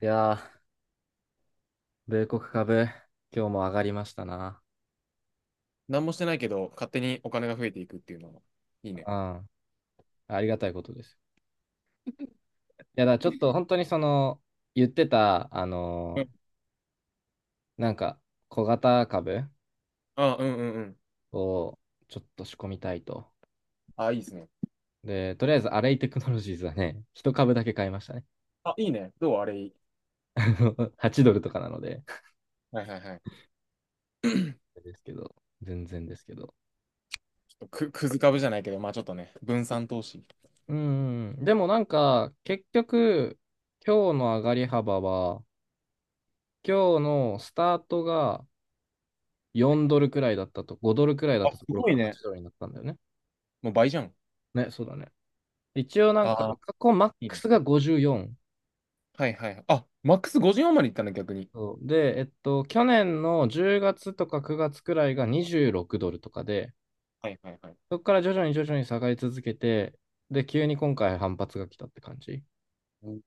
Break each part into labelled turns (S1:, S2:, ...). S1: いやー、米国株、今日も上がりましたな。
S2: 何もしてないけど、勝手にお金が増えていくっていうのは、いいね。
S1: うん。ありがたいことです。いや、だからちょっと本当に言ってた、
S2: うん。
S1: ーなんか、小型株
S2: あ、うんうんうん。
S1: をちょっと仕込みたいと。
S2: あ、いいですね。
S1: で、とりあえず、アレイテクノロジーズはね、一株だけ買いましたね。
S2: あ、いいね。どうあれいい。
S1: 8ドルとかなので。
S2: はいはいはい。ち
S1: ですけど、全然ですけど。
S2: ょっとく、くず株じゃないけど、まあちょっとね、分散投資。
S1: うん。でも結局、今日の上がり幅は、今日のスタートが4ドルくらいだったと、5ドルくらいだっ
S2: あ、
S1: た
S2: す
S1: ところ
S2: ご
S1: か
S2: い
S1: ら
S2: ね。
S1: 8ドルになったんだよね。
S2: もう倍じゃん。
S1: ね、そうだね。一応
S2: ああ、
S1: 過去マッ
S2: いい
S1: ク
S2: ね。
S1: スが54。
S2: はいはいはい。あ、マックス54までいったの、逆に。
S1: そうで、去年の10月とか9月くらいが26ドルとかで、
S2: はいはいはい。
S1: そこから徐々に下がり続けて、で、急に今回反発が来たって感じ。
S2: うん。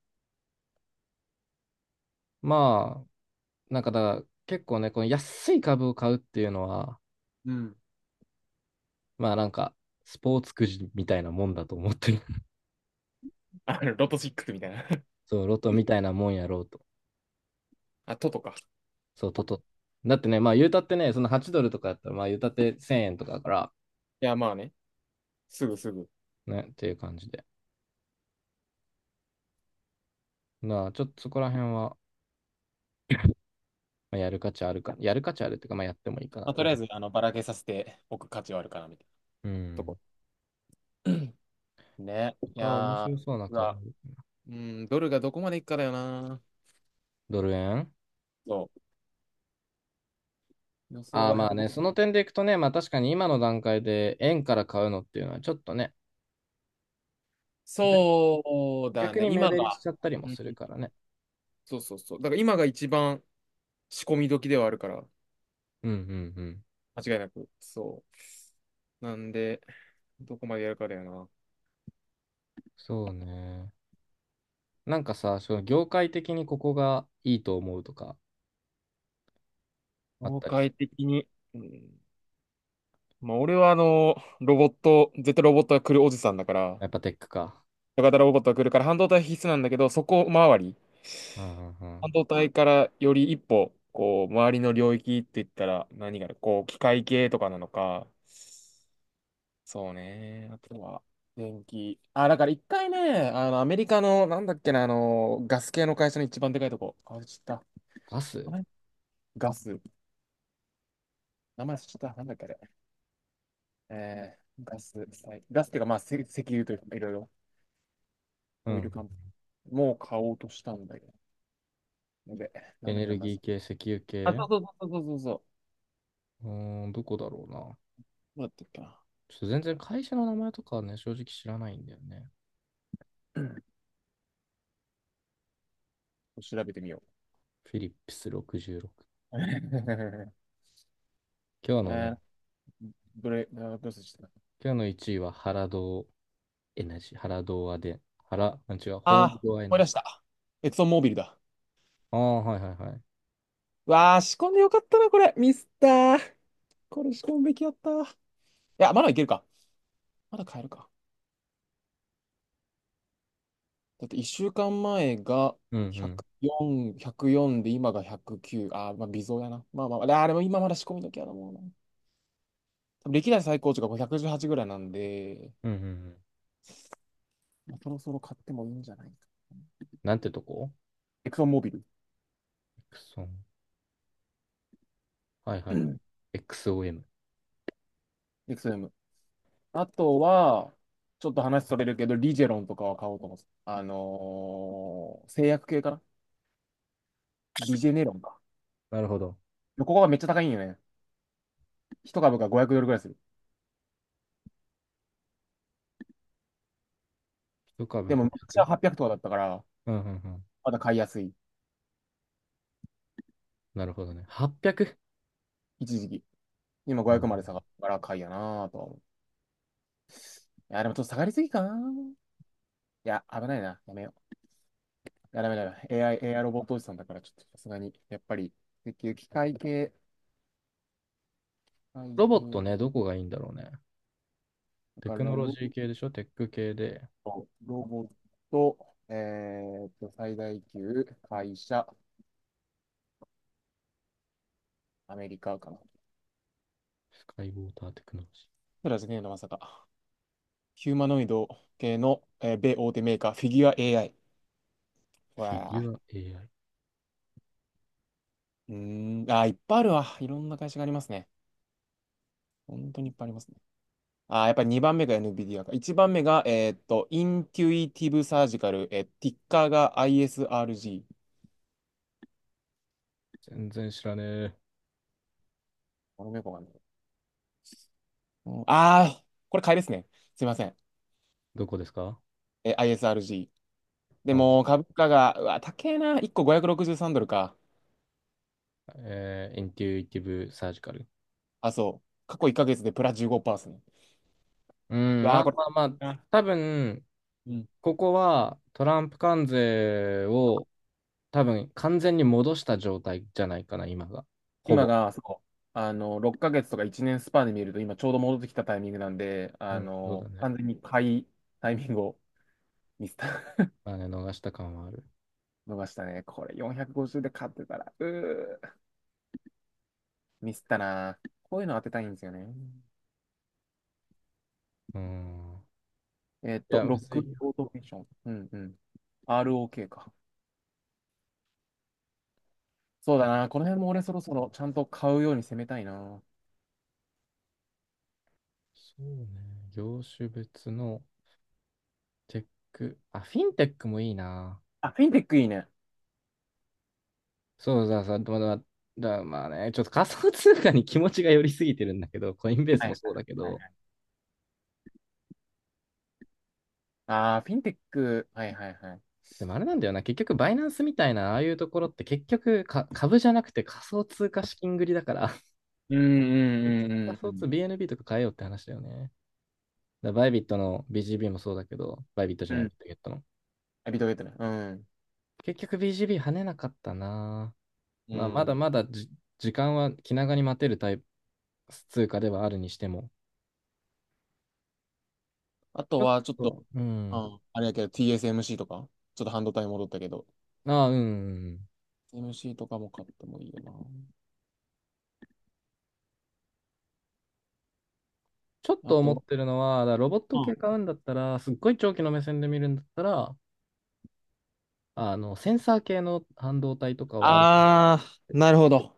S1: まあ、なんかだから、結構ね、この安い株を買うっていうのは、
S2: うん
S1: まあなんか、スポーツくじみたいなもんだと思ってる。
S2: ロト6みたいな。
S1: そう、ロトみたいなもんやろうと。
S2: あ、ととか。
S1: そう、とと。だってね、まあ言うたってね、その8ドルとかやったら、まあ言うたって1000円とかだから、
S2: いや、まあね。すぐすぐ。
S1: ね、っていう感じで。まあちょっとそこら辺は、まあ、やる価値あるか、やる価値あるっていうか、まあやってもいいかな
S2: まあ、とり
S1: と。
S2: あえず、ばらけさせておく価値はあるかな、みたいな
S1: う
S2: と
S1: ん。
S2: こ。ね。
S1: 他面白そうな
S2: う
S1: 株。
S2: わうん、ドルがどこまでいくかだよな。
S1: ドル円。
S2: そう、予想
S1: ああー、
S2: は
S1: まあ
S2: 1 5。
S1: ね、その点でいくとね、まあ確かに今の段階で円から買うのっていうのはちょっとね、逆
S2: そうだ
S1: 逆
S2: ね。
S1: に目
S2: 今
S1: 減りし
S2: が、
S1: ちゃったりも
S2: うん、
S1: するからね。
S2: そうそうそう。だから今が一番仕込み時ではあるから、
S1: うんうんうん。
S2: 間違いなく。そう。なんで、どこまでやるかだよな。
S1: そうね。なんかさ、その業界的にここがいいと思うとかあっ
S2: 業
S1: たりす
S2: 界
S1: る。
S2: 的に。うん。まあ、俺はロボット、絶対ロボットが来るおじさんだから、
S1: やっぱテックか。
S2: 小型ロボットが来るから半導体必須なんだけど、そこ周り。
S1: うんうんう
S2: 半
S1: ん。
S2: 導体からより一歩、こう、周りの領域って言ったら何があるこう、機械系とかなのか、そうね。あとは、電気。あ、だから一回ね、アメリカの、なんだっけな、ガス系の会社の一番でかいとこ。あれ知った。
S1: ガ
S2: あ
S1: ス。
S2: れガス。名前知った。なんだっけあれ。ガス、はい、ガスっていうか、まあ、せ石油というか、いろいろ、
S1: う
S2: オイル
S1: ん。
S2: カンもう買おうとしたんだけど。で、な
S1: エ
S2: んだっ
S1: ネ
S2: けな、
S1: ル
S2: ま
S1: ギー
S2: ず。
S1: 系、石油
S2: あ、
S1: 系。
S2: そうそうそうそうそうそ
S1: うーん、どこだろうな。
S2: う。どうだったっけな。
S1: ちょっと全然会社の名前とかはね、正直知らないんだよね。
S2: 調べてみよ
S1: フィリップス66。
S2: う。
S1: 今日の
S2: え
S1: ね、
S2: ー、どれ、あどうせした。
S1: 今日の1位は原堂エナジー、原堂アで、原、あ違う、ホ
S2: あ
S1: ール
S2: あー、
S1: ドアエ
S2: 思
S1: ナ
S2: い出
S1: ジ
S2: した。エクソンモービルだ。
S1: ー。ああ、はいはいはい。
S2: わあ、仕込んでよかったな、これ。ミスったー。これ仕込むべきやったー。いや、まだいけるか。まだ買えるか。だって1週間前が
S1: うんうん。
S2: 104、1で今が109。あー、まあ微増やな。まあまあ、あーでも今まだ仕込み時やな、もうな。多分歴代最高値が518ぐらいなんで、
S1: うんうんうん。
S2: まあ、そろそろ買ってもいいんじゃないか。
S1: なんてとこ。
S2: エクソンモービル。
S1: エクソン。はい は
S2: う
S1: いはい。
S2: ん、
S1: XOM。
S2: エクソム。あとは、ちょっと話それるけど、リジェロンとかは買おうと思ってた。あのー、製薬系かな。リジェネロンか。
S1: なるほど。
S2: ここがめっちゃ高いんよね。一株が500ドルぐらいする。
S1: 一
S2: で
S1: 株
S2: も昔
S1: 500？
S2: は800とかだったから、
S1: うんうんうん。
S2: まだ買いやすい。
S1: なるほどね。800？
S2: 一時期。今
S1: う
S2: 500
S1: ん。
S2: まで下がったから買いやなぁとは思う。いや、でもちょっと下がりすぎかなぁ。いや、危ないな。やめよう。いや、ダメだめ。AI、AI ロボットおじさんだから、ちょっとさすがに、やっぱり、石油機械系、機械
S1: ロボッ
S2: 系、
S1: トね、どこがいいんだろうね。
S2: だ
S1: テ
S2: から
S1: ク
S2: ロ
S1: ノロ
S2: ボッ
S1: ジー系でしょ、テック系で。
S2: ト、ロボット、え最大級、会社、アメリカかな。
S1: スカイウォーターテクノロジ
S2: プラスゲーのまさか。ヒューマノイド系の、えー、米大手メーカー、フィギュア AI。
S1: ー。フィ
S2: わ
S1: ギ
S2: あ。
S1: ュア AI。
S2: うーん。あー、いっぱいあるわ。いろんな会社がありますね。本当にいっぱいありますね。あー、やっぱり2番目が NVIDIA か。1番目が、インテュイティブサージカル、えー、ティッカーが ISRG。
S1: 全然知らねえ。
S2: この猫がね。うんあー、これ買いですね。すいません。
S1: どこですか。
S2: えー、 ISRG。で
S1: あ
S2: も、株価が、うわ、高えな。1個563ドルか。
S1: えー、インテュイティブサージカル。
S2: あ、そう。過去1ヶ月でプラ15%ですね。
S1: う
S2: う
S1: ん、
S2: わ
S1: まあ
S2: ー、こ
S1: まあ
S2: れ。
S1: まあ、多分、
S2: うん、
S1: ここはトランプ関税を多分完全に戻した状態じゃないかな、今が。ほ
S2: 今
S1: ぼ。
S2: が、そう、6ヶ月とか1年スパンで見ると、今ちょうど戻ってきたタイミングなんで、
S1: うん、そうだね。
S2: 完全に買いタイミングをミスった、
S1: まあね、逃した感はある。
S2: 逃したね。これ450で買ってたら、うー、ミスったな。こういうの当てたいんですよね。
S1: うん。
S2: えっ
S1: い
S2: と、
S1: や、
S2: ロ
S1: む
S2: ッ
S1: ず
S2: ク
S1: いよ。
S2: オートメーション。うんうん。ROK か。そうだな。この辺も俺そろそろちゃんと買うように攻めたいな。
S1: そうね。業種別のテック。あ、フィンテックもいいな。
S2: あ、フィンテックいいね。
S1: そうだ、さ、まだ、だ、まあね、ちょっと仮想通貨に気持ちが寄りすぎてるんだけど、コインベース
S2: はい
S1: も
S2: は
S1: そうだけ
S2: いはい
S1: ど、
S2: はい。ああ、フィンテック。はいはいはい。
S1: でもあれなんだよな、結局バイナンスみたいな、ああいうところって結局か株じゃなくて仮想通貨資金繰りだから、
S2: うんうん
S1: 結
S2: う
S1: 局
S2: ん
S1: 仮
S2: うんう
S1: 想
S2: ん。
S1: 通、BNB とか変えようって話だよね。だバイビットの BGB もそうだけど、バイビットじ
S2: う
S1: ゃない、ビ
S2: ん。
S1: ットゲットの。
S2: ビットゲットね。うん。
S1: 結局 BGB 跳ねなかったな。
S2: う
S1: まあ、まだ
S2: ん。
S1: まだじ時間は気長に待てるタイプ、通貨ではあるにしても、
S2: あ
S1: ち
S2: と
S1: ょっ
S2: は、ちょっと、
S1: と、う
S2: う
S1: ん。
S2: ん、あれやけど、TSMC とか、ちょっと半導体戻ったけど、
S1: ああ、うん。
S2: TSMC とかも買ってもいいよ
S1: ちょっ
S2: な。あ
S1: と思っ
S2: と、
S1: てるのは、だからロボット
S2: うん。
S1: 系買うんだったら、すっごい長期の目線で見るんだったら、あの、センサー系の半導体とかはある。
S2: あー、なるほど。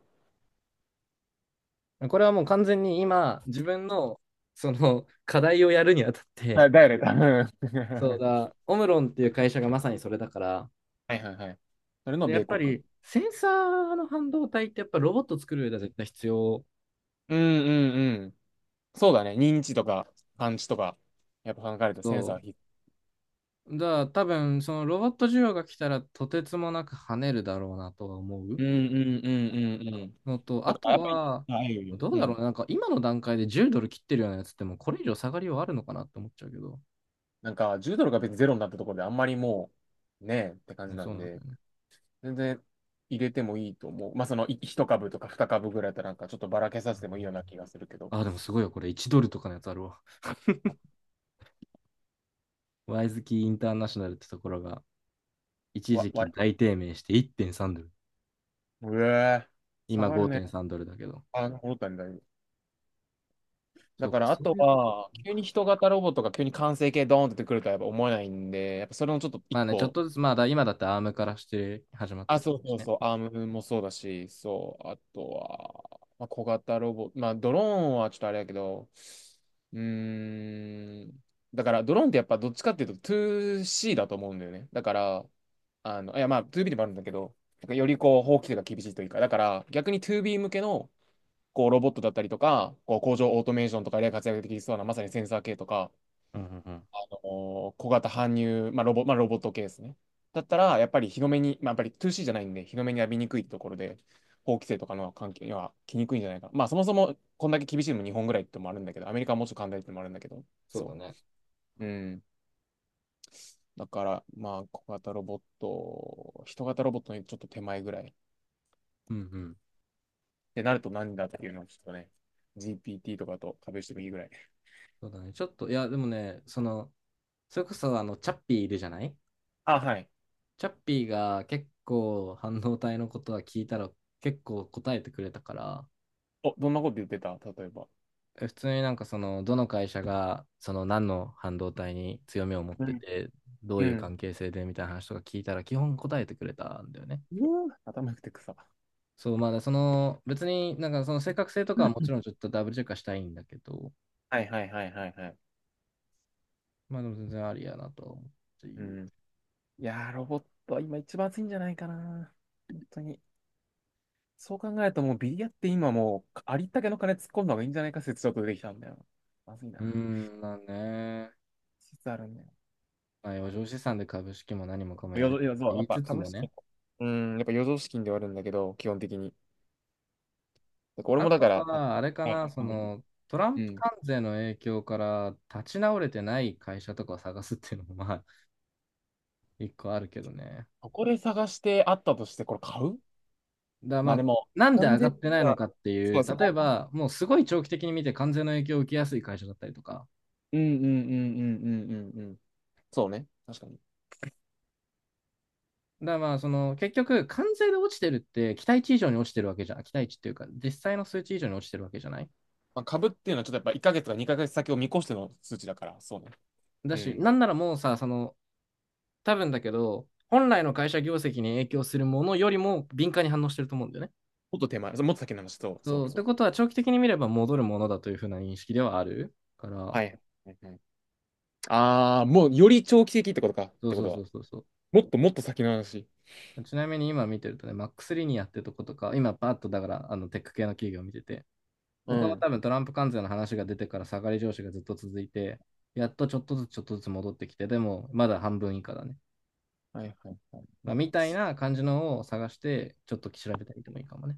S1: これはもう完全に今、自分の、課題をやるにあたっ
S2: あ、
S1: て、
S2: だよね、多分。
S1: そう だ、オムロンっていう会社がまさにそれだから、
S2: はいはいはい。それの
S1: で、や
S2: 米
S1: っぱ
S2: 国。
S1: り、センサーの半導体ってやっぱロボット作る上では絶対必要。
S2: うんうんうん。そうだね。認知とか感知とか、やっぱ考えるとセンサーは
S1: そ
S2: 必須。
S1: う。だから多分、そのロボット需要が来たら、とてつもなく跳ねるだろうなとは思
S2: う
S1: う。
S2: んうんうんうんうん。
S1: のと、
S2: だ
S1: あ
S2: から
S1: と
S2: やっぱり、
S1: は、
S2: あ、いいよいいよ。
S1: どう
S2: う
S1: だろう
S2: ん。
S1: な、なんか今の段階で10ドル切ってるようなやつってもうこれ以上下がりはあるのかなって思っちゃうけど、
S2: なんか、10ドルが別にゼロになったところであんまりもう、ねえって感じ
S1: ね、
S2: な
S1: そう
S2: ん
S1: なんだ
S2: で、
S1: よね。
S2: 全然入れてもいいと思う。まあ、その、い一株とか二株ぐらいだったらなんかちょっとばらけ
S1: う
S2: させ
S1: ん。
S2: てもいいような気がするけど。
S1: あ、でもすごいよ、これ1ドルとかのやつあるわ。ワイズキーインターナショナルってところが一
S2: わ、
S1: 時
S2: わ、
S1: 期大低迷して1.3ドル。
S2: うえー、下
S1: 今
S2: がるね。
S1: 5.3ドルだけど。
S2: あ、戻ったんだ、今。だ
S1: そう
S2: か
S1: か、
S2: ら、あ
S1: そ
S2: と
S1: ういうこと
S2: は、急に
S1: か。
S2: 人型ロボットが急に完成形ドーンって出てくるとはやっぱ思えないんで、やっぱそれもちょっと一
S1: まあね、ちょっ
S2: 歩。
S1: とずつ、まあ今だってアームからして始まって
S2: あ、
S1: きて
S2: そう
S1: るし
S2: そう
S1: ね。
S2: そう、アームもそうだし、そう、あとは、まあ、小型ロボ、まあ、ドローンはちょっとあれやけど、うーん、だから、ドローンってやっぱどっちかっていうと 2C だと思うんだよね。だから、いや、まあ、2B でもあるんだけど、なんかよりこう、法規制が厳しいというか、だから、逆に 2B 向けの、こう、ロボットだったりとか、こう、工場オートメーションとかで活躍できそうな、まさにセンサー系とか、
S1: うんうんうん。
S2: あの小型搬入、まあロボ、まあ、ロボット系ですね。だったら、やっぱり日の目に、まあ、やっぱり 2C じゃないんで、日の目に浴びにくいところで、法規制とかの関係には来にくいんじゃないかな。まあ、そもそもこんだけ厳しいのも日本ぐらいってのもあるんだけど、アメリカはもうちょっと簡単ってのもあるんだけど、
S1: そうだ
S2: そ
S1: ね。
S2: う。うん。だから、まあ、小型ロボット、人型ロボットにちょっと手前ぐらい。っ
S1: うんうん。
S2: てなると何だっていうのをちょっとね、GPT とかと壁してもいいぐらい。
S1: そうだね。ちょっと、いや、でもね、それこそあの、チャッピーいるじゃない。
S2: あ、はい。
S1: チャッピーが結構半導体のことは聞いたら結構答えてくれたから、
S2: お、どんなこと言ってた例えば。
S1: 普通になんかそのどの会社がその何の半導体に強みを持っ
S2: う
S1: て
S2: ん。
S1: て、どう
S2: う
S1: いう
S2: ん。
S1: 関係性でみたいな話とか聞いたら基本答えてくれたんだよね。
S2: うー頭良くて草。
S1: そう、まあその別になんかその正確性とかはも ちろんちょっとダブルチェックはしたいんだけど、
S2: はいはいはいはいはい。
S1: まあでも全然ありやなとは思ってい
S2: う
S1: る。
S2: ん。いやー、ロボットは今一番熱いんじゃないかな。本当に。そう考えるともうビリヤって今もうありったけの金突っ込んだ方がいいんじゃないか説ちょっと出てきたんだよ。まずい
S1: うー
S2: な。
S1: ん、まあね、
S2: 説あるんだよ。
S1: まあ余剰資産で株式も何もかもや
S2: 余
S1: れっ
S2: 剰、
S1: て
S2: いや、そう、
S1: 言
S2: やっ
S1: い
S2: ぱ
S1: つつ
S2: 株
S1: もね、
S2: 式、うん、やっぱ余剰資金ではあるんだけど、基本的に。だから俺
S1: あ
S2: もだ
S1: と
S2: から、あ
S1: は、あれかな、そ
S2: あ、はい、
S1: の、トラン
S2: う
S1: プ
S2: ん。
S1: 関税の影響から立ち直れてない会社とかを探すっていうのも、まあ、一個あるけどね。
S2: ここで探してあったとしてこれ買う
S1: だま
S2: まあ
S1: あ、
S2: でも、
S1: なんで上が
S2: 3000、
S1: ってないのかってい
S2: そう、
S1: う、
S2: そ
S1: 例え
S2: こ。
S1: ば、もうすごい長期的に見て関税の影響を受けやすい会社だったりとか。
S2: うんうんうんうんうんうんうん。そうね。確かに。
S1: だまあ、その、結局、関税で落ちてるって、期待値以上に落ちてるわけじゃん。期待値っていうか、実際の数値以上に落ちてるわけじゃない。
S2: まあ、株っていうのはちょっとやっぱ1ヶ月とか2ヶ月先を見越しての数値だから、そうね。
S1: だ
S2: う
S1: し、
S2: ん。
S1: なんならもうさ、多分だけど、本来の会社業績に影響するものよりも敏感に反応してると思うんだよね。
S2: もっと手前、そうもっと先の話、そうそう
S1: そうっ
S2: そ
S1: て
S2: う。
S1: ことは長期的に見れば戻るものだというふうな認識ではあるから、
S2: はい。はいはい。ああ、もうより長期的ってことか、っ
S1: そう
S2: てこ
S1: そ
S2: と
S1: うそ
S2: は。
S1: うそうそう。
S2: もっともっと先の話。
S1: ちなみに今見てるとね、マックス・リニアってとことか、今パッとだからあのテック系の企業を見てて、
S2: う
S1: ここの
S2: ん。
S1: 多分トランプ関税の話が出てから下がり上昇がずっと続いて、やっとちょっとずつ戻ってきて、でもまだ半分以下だね。
S2: はいはいはい。
S1: ま
S2: マ
S1: あ、
S2: ッ
S1: み
S2: ク
S1: たい
S2: ス。
S1: な感じのを探して、ちょっと調べたりでもいいかもね。